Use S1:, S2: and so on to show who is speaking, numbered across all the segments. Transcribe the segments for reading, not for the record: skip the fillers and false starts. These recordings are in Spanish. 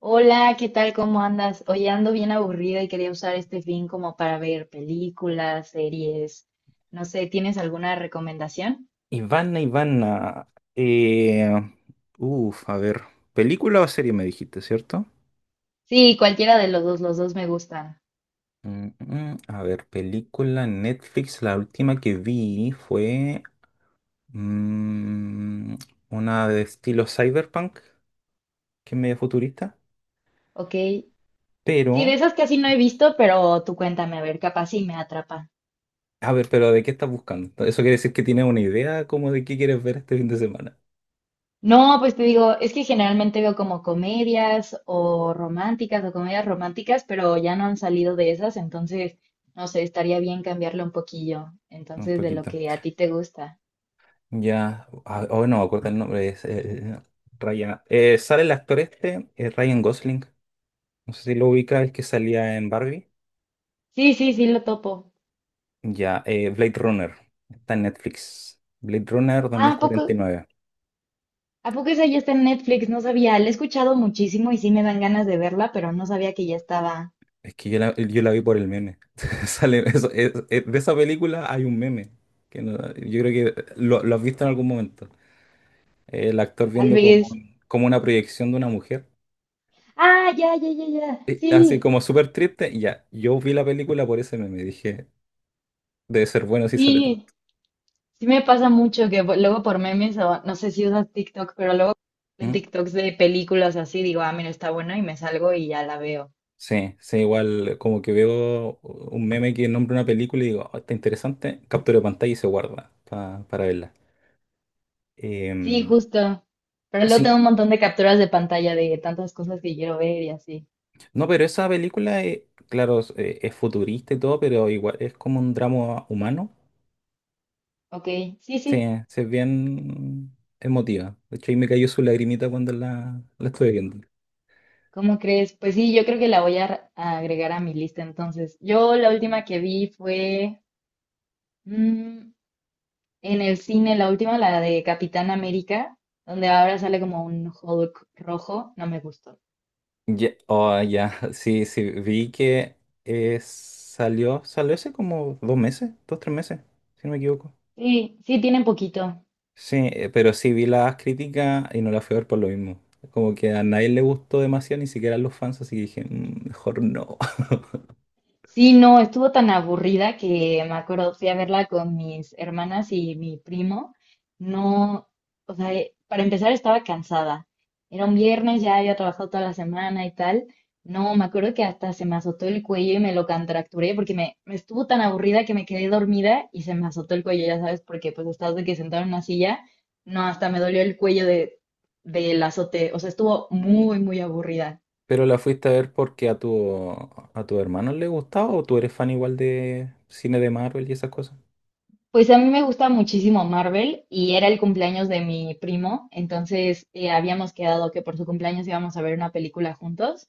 S1: Hola, ¿qué tal? ¿Cómo andas? Hoy ando bien aburrida y quería usar este fin como para ver películas, series, no sé, ¿tienes alguna recomendación?
S2: Ivana, Ivana. Eh, Uf, a ver. ¿Película o serie me dijiste, cierto?
S1: Sí, cualquiera de los dos me gustan.
S2: A ver, película Netflix. La última que vi fue mm, una de estilo cyberpunk, que es medio futurista.
S1: Ok. Sí,
S2: Pero,
S1: de esas casi no he visto, pero tú cuéntame, a ver, capaz sí me atrapa.
S2: a ver, ¿de qué estás buscando? Eso quiere decir que tienes una idea como de qué quieres ver este fin de semana.
S1: No, pues te digo, es que generalmente veo como comedias o románticas o comedias románticas, pero ya no han salido de esas, entonces, no sé, estaría bien cambiarlo un poquillo,
S2: Un
S1: entonces de lo
S2: poquito.
S1: que a ti te gusta.
S2: Ya, ah, oh, no acuerda el nombre. Es, Ryan. Sale el actor este, Ryan Gosling. No sé si lo ubicas, el que salía en Barbie.
S1: Sí, sí, sí, lo topo.
S2: Ya, Blade Runner. Está en Netflix. Blade Runner
S1: Ah, ¿a poco,
S2: 2049.
S1: a poco esa ya está en Netflix? No sabía, la he escuchado muchísimo y sí me dan ganas de verla, pero no sabía que ya estaba.
S2: Es que yo la vi por el meme. Sale, de esa película hay un meme. Que no- Yo creo que lo has visto en algún momento. El actor
S1: Tal
S2: viendo como,
S1: vez.
S2: como una proyección de una mujer.
S1: Ah, ya, ya, ya, ya.
S2: Así
S1: Sí,
S2: como súper triste. Y ya, yo vi la película por ese meme. Dije, debe ser bueno si sale
S1: sí. Sí me pasa mucho que luego por memes o no sé si usas TikTok, pero luego en
S2: tanto.
S1: TikToks de películas así digo, ah, mira, está buena y me salgo y ya la veo.
S2: Sí, sí, igual como que veo un meme que nombra una película y digo, "Oh, está interesante, captura pantalla y se guarda para verla."
S1: Sí,
S2: Em,
S1: justo. Pero luego tengo
S2: sí,
S1: un montón de capturas de pantalla de tantas cosas que quiero ver y así.
S2: no, pero esa película, claro, es futurista y todo, pero igual es como un drama humano.
S1: Ok, sí,
S2: Sí,
S1: sí.
S2: sí, es bien emotiva. De hecho, ahí me cayó su lagrimita cuando la estuve viendo.
S1: ¿Cómo crees? Pues sí, yo creo que la voy a agregar a mi lista entonces. Yo la última que vi fue mm, en el cine, la última, la de Capitán América, donde ahora sale como un Hulk rojo. No me gustó.
S2: Ya, oh, ya, sí, sí, vi que salió hace como 2 meses, dos, tres meses, si no me equivoco.
S1: Sí, sí, tiene poquito.
S2: Sí, pero sí vi las críticas y no las fui a ver por lo mismo. Como que a nadie le gustó demasiado, ni siquiera a los fans, así que dije, "Mm, mejor no."
S1: Sí, no, estuvo tan aburrida que me acuerdo, fui a verla con mis hermanas y mi primo. No, o sea, para empezar estaba cansada. Era un viernes, ya había trabajado toda la semana y tal. No, me acuerdo que hasta se me azotó el cuello y me lo contracturé porque me estuvo tan aburrida que me quedé dormida y se me azotó el cuello, ya sabes, porque pues estás de que sentado en una silla. No, hasta me dolió el cuello de, del azote. O sea, estuvo muy, muy aburrida.
S2: Pero la fuiste a ver porque a tu hermano le gustaba o tú eres fan igual de cine de Marvel y esas cosas.
S1: Pues a mí me gusta muchísimo Marvel y era el cumpleaños de mi primo, entonces habíamos quedado que por su cumpleaños íbamos a ver una película juntos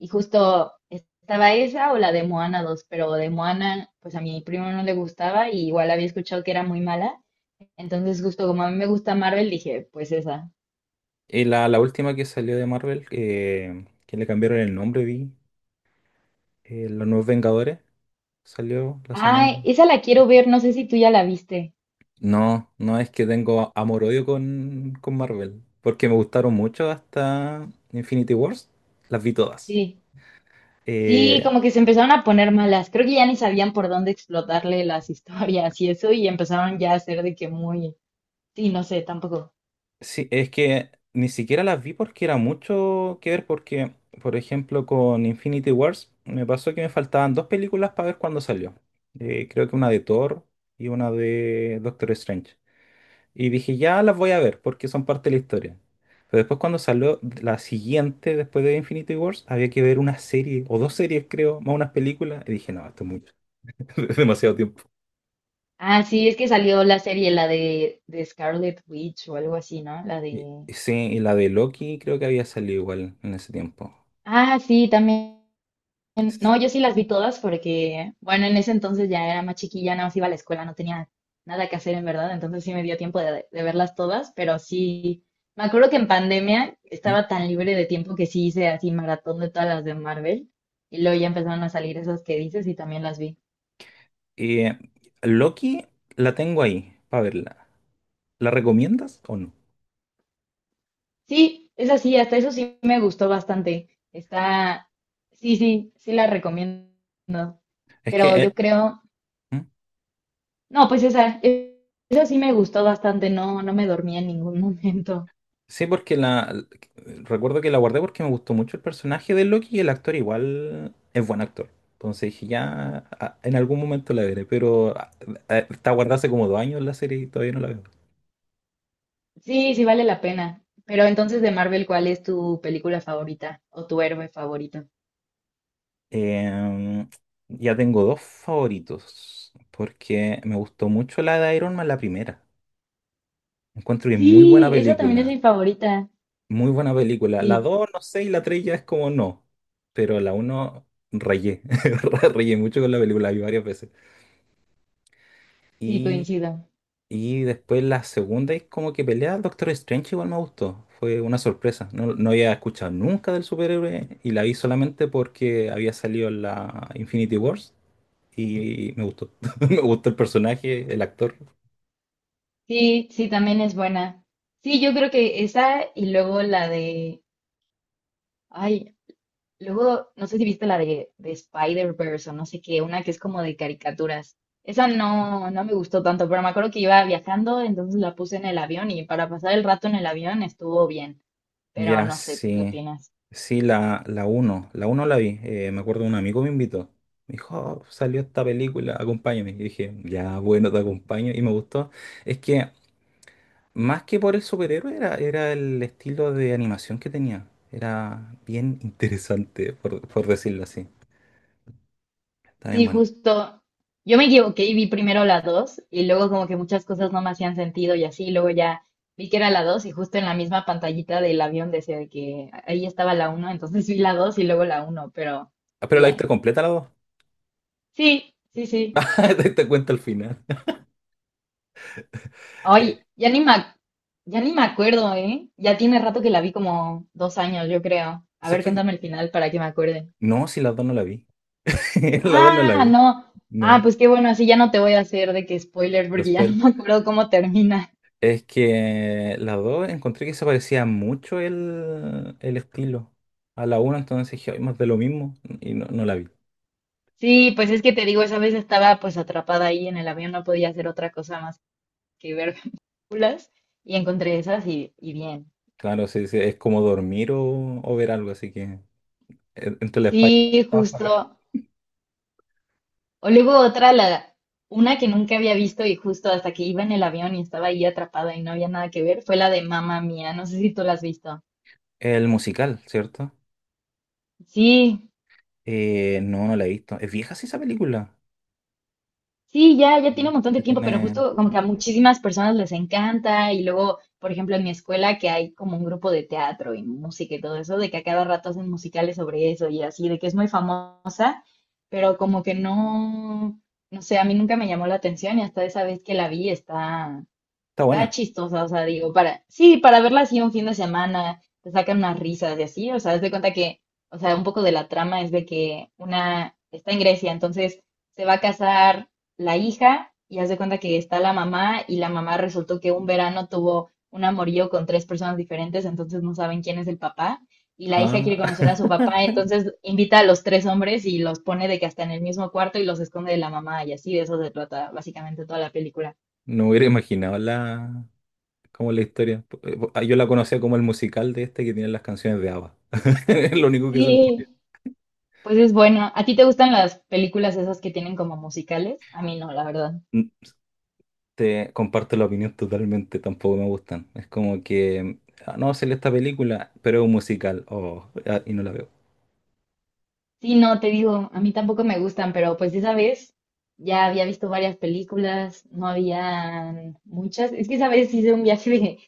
S1: y justo estaba esa o la de Moana 2, pero de Moana pues a mi primo no le gustaba y igual había escuchado que era muy mala, entonces justo como a mí me gusta Marvel dije pues esa.
S2: Y la última que salió de Marvel, que le cambiaron el nombre, vi, Los Nuevos Vengadores, salió la semana.
S1: Ay, esa la quiero ver, no sé si tú ya la viste.
S2: No, no es que tengo amor-odio con Marvel, porque me gustaron mucho hasta Infinity Wars, las vi todas.
S1: Sí, sí,
S2: Eh,
S1: como que se empezaron a poner malas, creo que ya ni sabían por dónde explotarle las historias y eso y empezaron ya a ser de que muy. Sí, no sé, tampoco.
S2: sí, es que ni siquiera las vi porque era mucho que ver, porque, por ejemplo, con Infinity Wars me pasó que me faltaban dos películas para ver cuando salió. Creo que una de Thor y una de Doctor Strange. Y dije, ya las voy a ver porque son parte de la historia. Pero después cuando salió la siguiente, después de Infinity Wars, había que ver una serie, o dos series creo, más unas películas. Y dije, no, esto es mucho, es demasiado tiempo.
S1: Ah, sí, es que salió la serie, la de Scarlet Witch o algo así, ¿no? La
S2: Y-
S1: de...
S2: y sí, y la de Loki creo que había salido igual en ese tiempo.
S1: Ah, sí, también.
S2: S-
S1: No, yo sí las vi todas porque, bueno, en ese entonces ya era más chiquilla, nada más iba a la escuela, no tenía nada que hacer en verdad, entonces sí me dio tiempo de verlas todas, pero sí, me acuerdo que en pandemia
S2: ¿Mm?
S1: estaba tan libre de tiempo que sí hice así maratón de todas las de Marvel y luego ya empezaron a salir esas que dices y también las vi.
S2: Eh, Loki la tengo ahí para verla. ¿La recomiendas o no?
S1: Sí, es así, hasta eso sí me gustó bastante. Está, sí, sí, sí la recomiendo.
S2: Es que,
S1: Pero yo creo,
S2: ¿mm?
S1: no, pues esa sí me gustó bastante, no, no me dormí en ningún momento.
S2: Sí, porque la recuerdo que la guardé porque me gustó mucho el personaje de Loki y el actor igual es buen actor. Entonces dije, ya en algún momento la veré, pero está guardada hace como 2 años la serie y todavía no la veo.
S1: Sí, sí vale la pena. Pero entonces de Marvel, ¿cuál es tu película favorita o tu héroe favorito?
S2: Em, ya tengo dos favoritos, porque me gustó mucho la de Iron Man, la primera. Encuentro que es muy buena
S1: Sí, esa también es
S2: película,
S1: mi favorita.
S2: muy buena película. La
S1: Sí,
S2: dos, no sé, y la tres ya es como no, pero la uno rayé, rayé mucho con la película, la vi varias veces.
S1: sí, coincido.
S2: Y después la segunda es como que pelea al Doctor Strange, igual me gustó. Fue una sorpresa. No, no había escuchado nunca del superhéroe y la vi solamente porque había salido en la Infinity Wars y me gustó. Me gustó el personaje, el actor.
S1: Sí, sí, también es buena. Sí, yo creo que esa y luego la de, ay, luego, no sé si viste la de Spider-Verse o no sé qué, una que es como de caricaturas. Esa no, no me gustó tanto, pero me acuerdo que iba viajando, entonces la puse en el avión y para pasar el rato en el avión estuvo bien. Pero
S2: Ya,
S1: no sé, ¿tú qué
S2: sí.
S1: opinas?
S2: Sí, la uno la vi. Me acuerdo un amigo me invitó. Me dijo, "Oh, salió esta película, acompáñame." Y dije, ya, bueno, te acompaño. Y me gustó. Es que más que por el superhéroe, era el estilo de animación que tenía. Era bien interesante, por decirlo así. Está bien
S1: Sí,
S2: bueno.
S1: justo. Yo me equivoqué y vi primero la 2 y luego como que muchas cosas no me hacían sentido y así, luego ya vi que era la 2 y justo en la misma pantallita del avión decía de que ahí estaba la uno entonces vi la 2 y luego la uno pero
S2: Ah, pero la viste
S1: bien.
S2: completa la dos.
S1: Sí, sí, sí.
S2: Ah, te diste cuenta al final.
S1: Ay,
S2: Eh,
S1: ya ni ya ni me acuerdo, ¿eh? Ya tiene rato que la vi como dos años, yo creo. A
S2: si es
S1: ver,
S2: que.
S1: cuéntame el final para que me acuerde.
S2: No, si la dos no la vi. La dos no la
S1: Ah,
S2: vi.
S1: no. Ah,
S2: No,
S1: pues qué bueno, así ya no te voy a hacer de que spoiler porque ya no
S2: después.
S1: me acuerdo cómo termina.
S2: Es que la dos encontré que se parecía mucho el estilo a la una, entonces dije, "Ay, más de lo mismo." Y no, no la vi.
S1: Sí, pues es que te digo, esa vez estaba pues atrapada ahí en el avión, no podía hacer otra cosa más que ver películas y encontré esas y bien.
S2: Claro, sí, sí, es como dormir o ver algo, así que entre la espalda.
S1: Sí, justo. O luego otra, la, una que nunca había visto y justo hasta que iba en el avión y estaba ahí atrapada y no había nada que ver, fue la de Mamma Mía. No sé si tú la has visto.
S2: El musical, ¿cierto?
S1: Sí,
S2: No, no la he visto. ¿Es vieja sí esa película?
S1: sí, ya, ya tiene un montón
S2: Sí
S1: de tiempo, pero
S2: tiene...
S1: justo como que a muchísimas personas les encanta. Y luego, por ejemplo, en mi escuela que hay como un grupo de teatro y música y todo eso, de que a cada rato hacen musicales sobre eso y así, de que es muy famoso, pero como que no, no sé, a mí nunca me llamó la atención y hasta esa vez que la vi está.
S2: Está
S1: Está
S2: buena.
S1: chistosa, o sea, digo, para, sí, para verla así un fin de semana, te sacan unas risas y así, o sea, haz de cuenta que, o sea, un poco de la trama es de que una está en Grecia, entonces se va a casar la hija y haz de cuenta que está la mamá y la mamá resultó que un verano tuvo un amorío con tres personas diferentes, entonces no saben quién es el papá y la hija quiere
S2: Ah.
S1: conocer a su papá, entonces invita a los tres hombres y los pone de que hasta en el mismo cuarto y los esconde de la mamá y así de eso se trata básicamente toda la película.
S2: No hubiera imaginado la... como la historia. Yo la conocía como el musical de este que tiene las canciones de ABBA. Es lo único que se me ocurre.
S1: Sí. Pues es bueno. ¿A ti te gustan las películas esas que tienen como musicales? A mí no, la verdad.
S2: Mm, Te comparto la opinión totalmente, tampoco me gustan. Es como que... ah, no, sale esta película, pero es un musical. Oh, ah, y no la veo.
S1: Sí, no, te digo, a mí tampoco me gustan, pero pues esa vez ya había visto varias películas, no habían muchas. Es que esa vez hice un viaje de,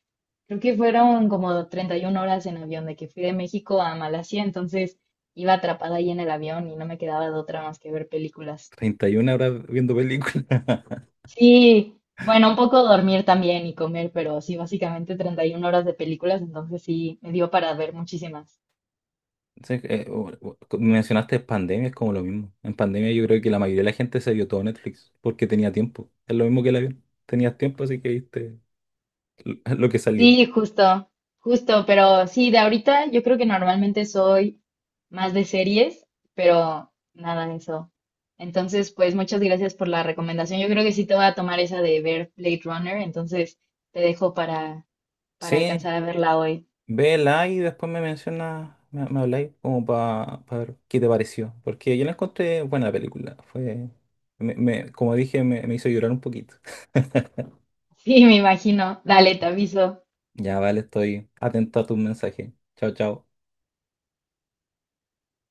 S1: creo que fueron como 31 horas en avión, de que fui de México a Malasia, entonces iba atrapada ahí en el avión y no me quedaba de otra más que ver películas.
S2: 31 horas viendo películas.
S1: Sí, bueno, un poco dormir también y comer, pero sí, básicamente 31 horas de películas, entonces sí, me dio para ver muchísimas.
S2: Sí, mencionaste pandemia, es como lo mismo. En pandemia yo creo que la mayoría de la gente se vio todo Netflix porque tenía tiempo. Es lo mismo que el avión. Tenías tiempo, así que viste lo que salía.
S1: Sí, justo, justo, pero sí, de ahorita yo creo que normalmente soy más de series, pero nada de eso. Entonces, pues muchas gracias por la recomendación. Yo creo que sí te voy a tomar esa de ver Blade Runner, entonces te dejo para
S2: Sí,
S1: alcanzar a verla hoy.
S2: vela y después me mencionas, me habláis como para ver qué te pareció. Porque yo la encontré buena película. Fue, como dije, me hizo llorar un poquito.
S1: Sí, me imagino. Dale, te aviso.
S2: Ya vale, estoy atento a tus mensajes. Chao, chao.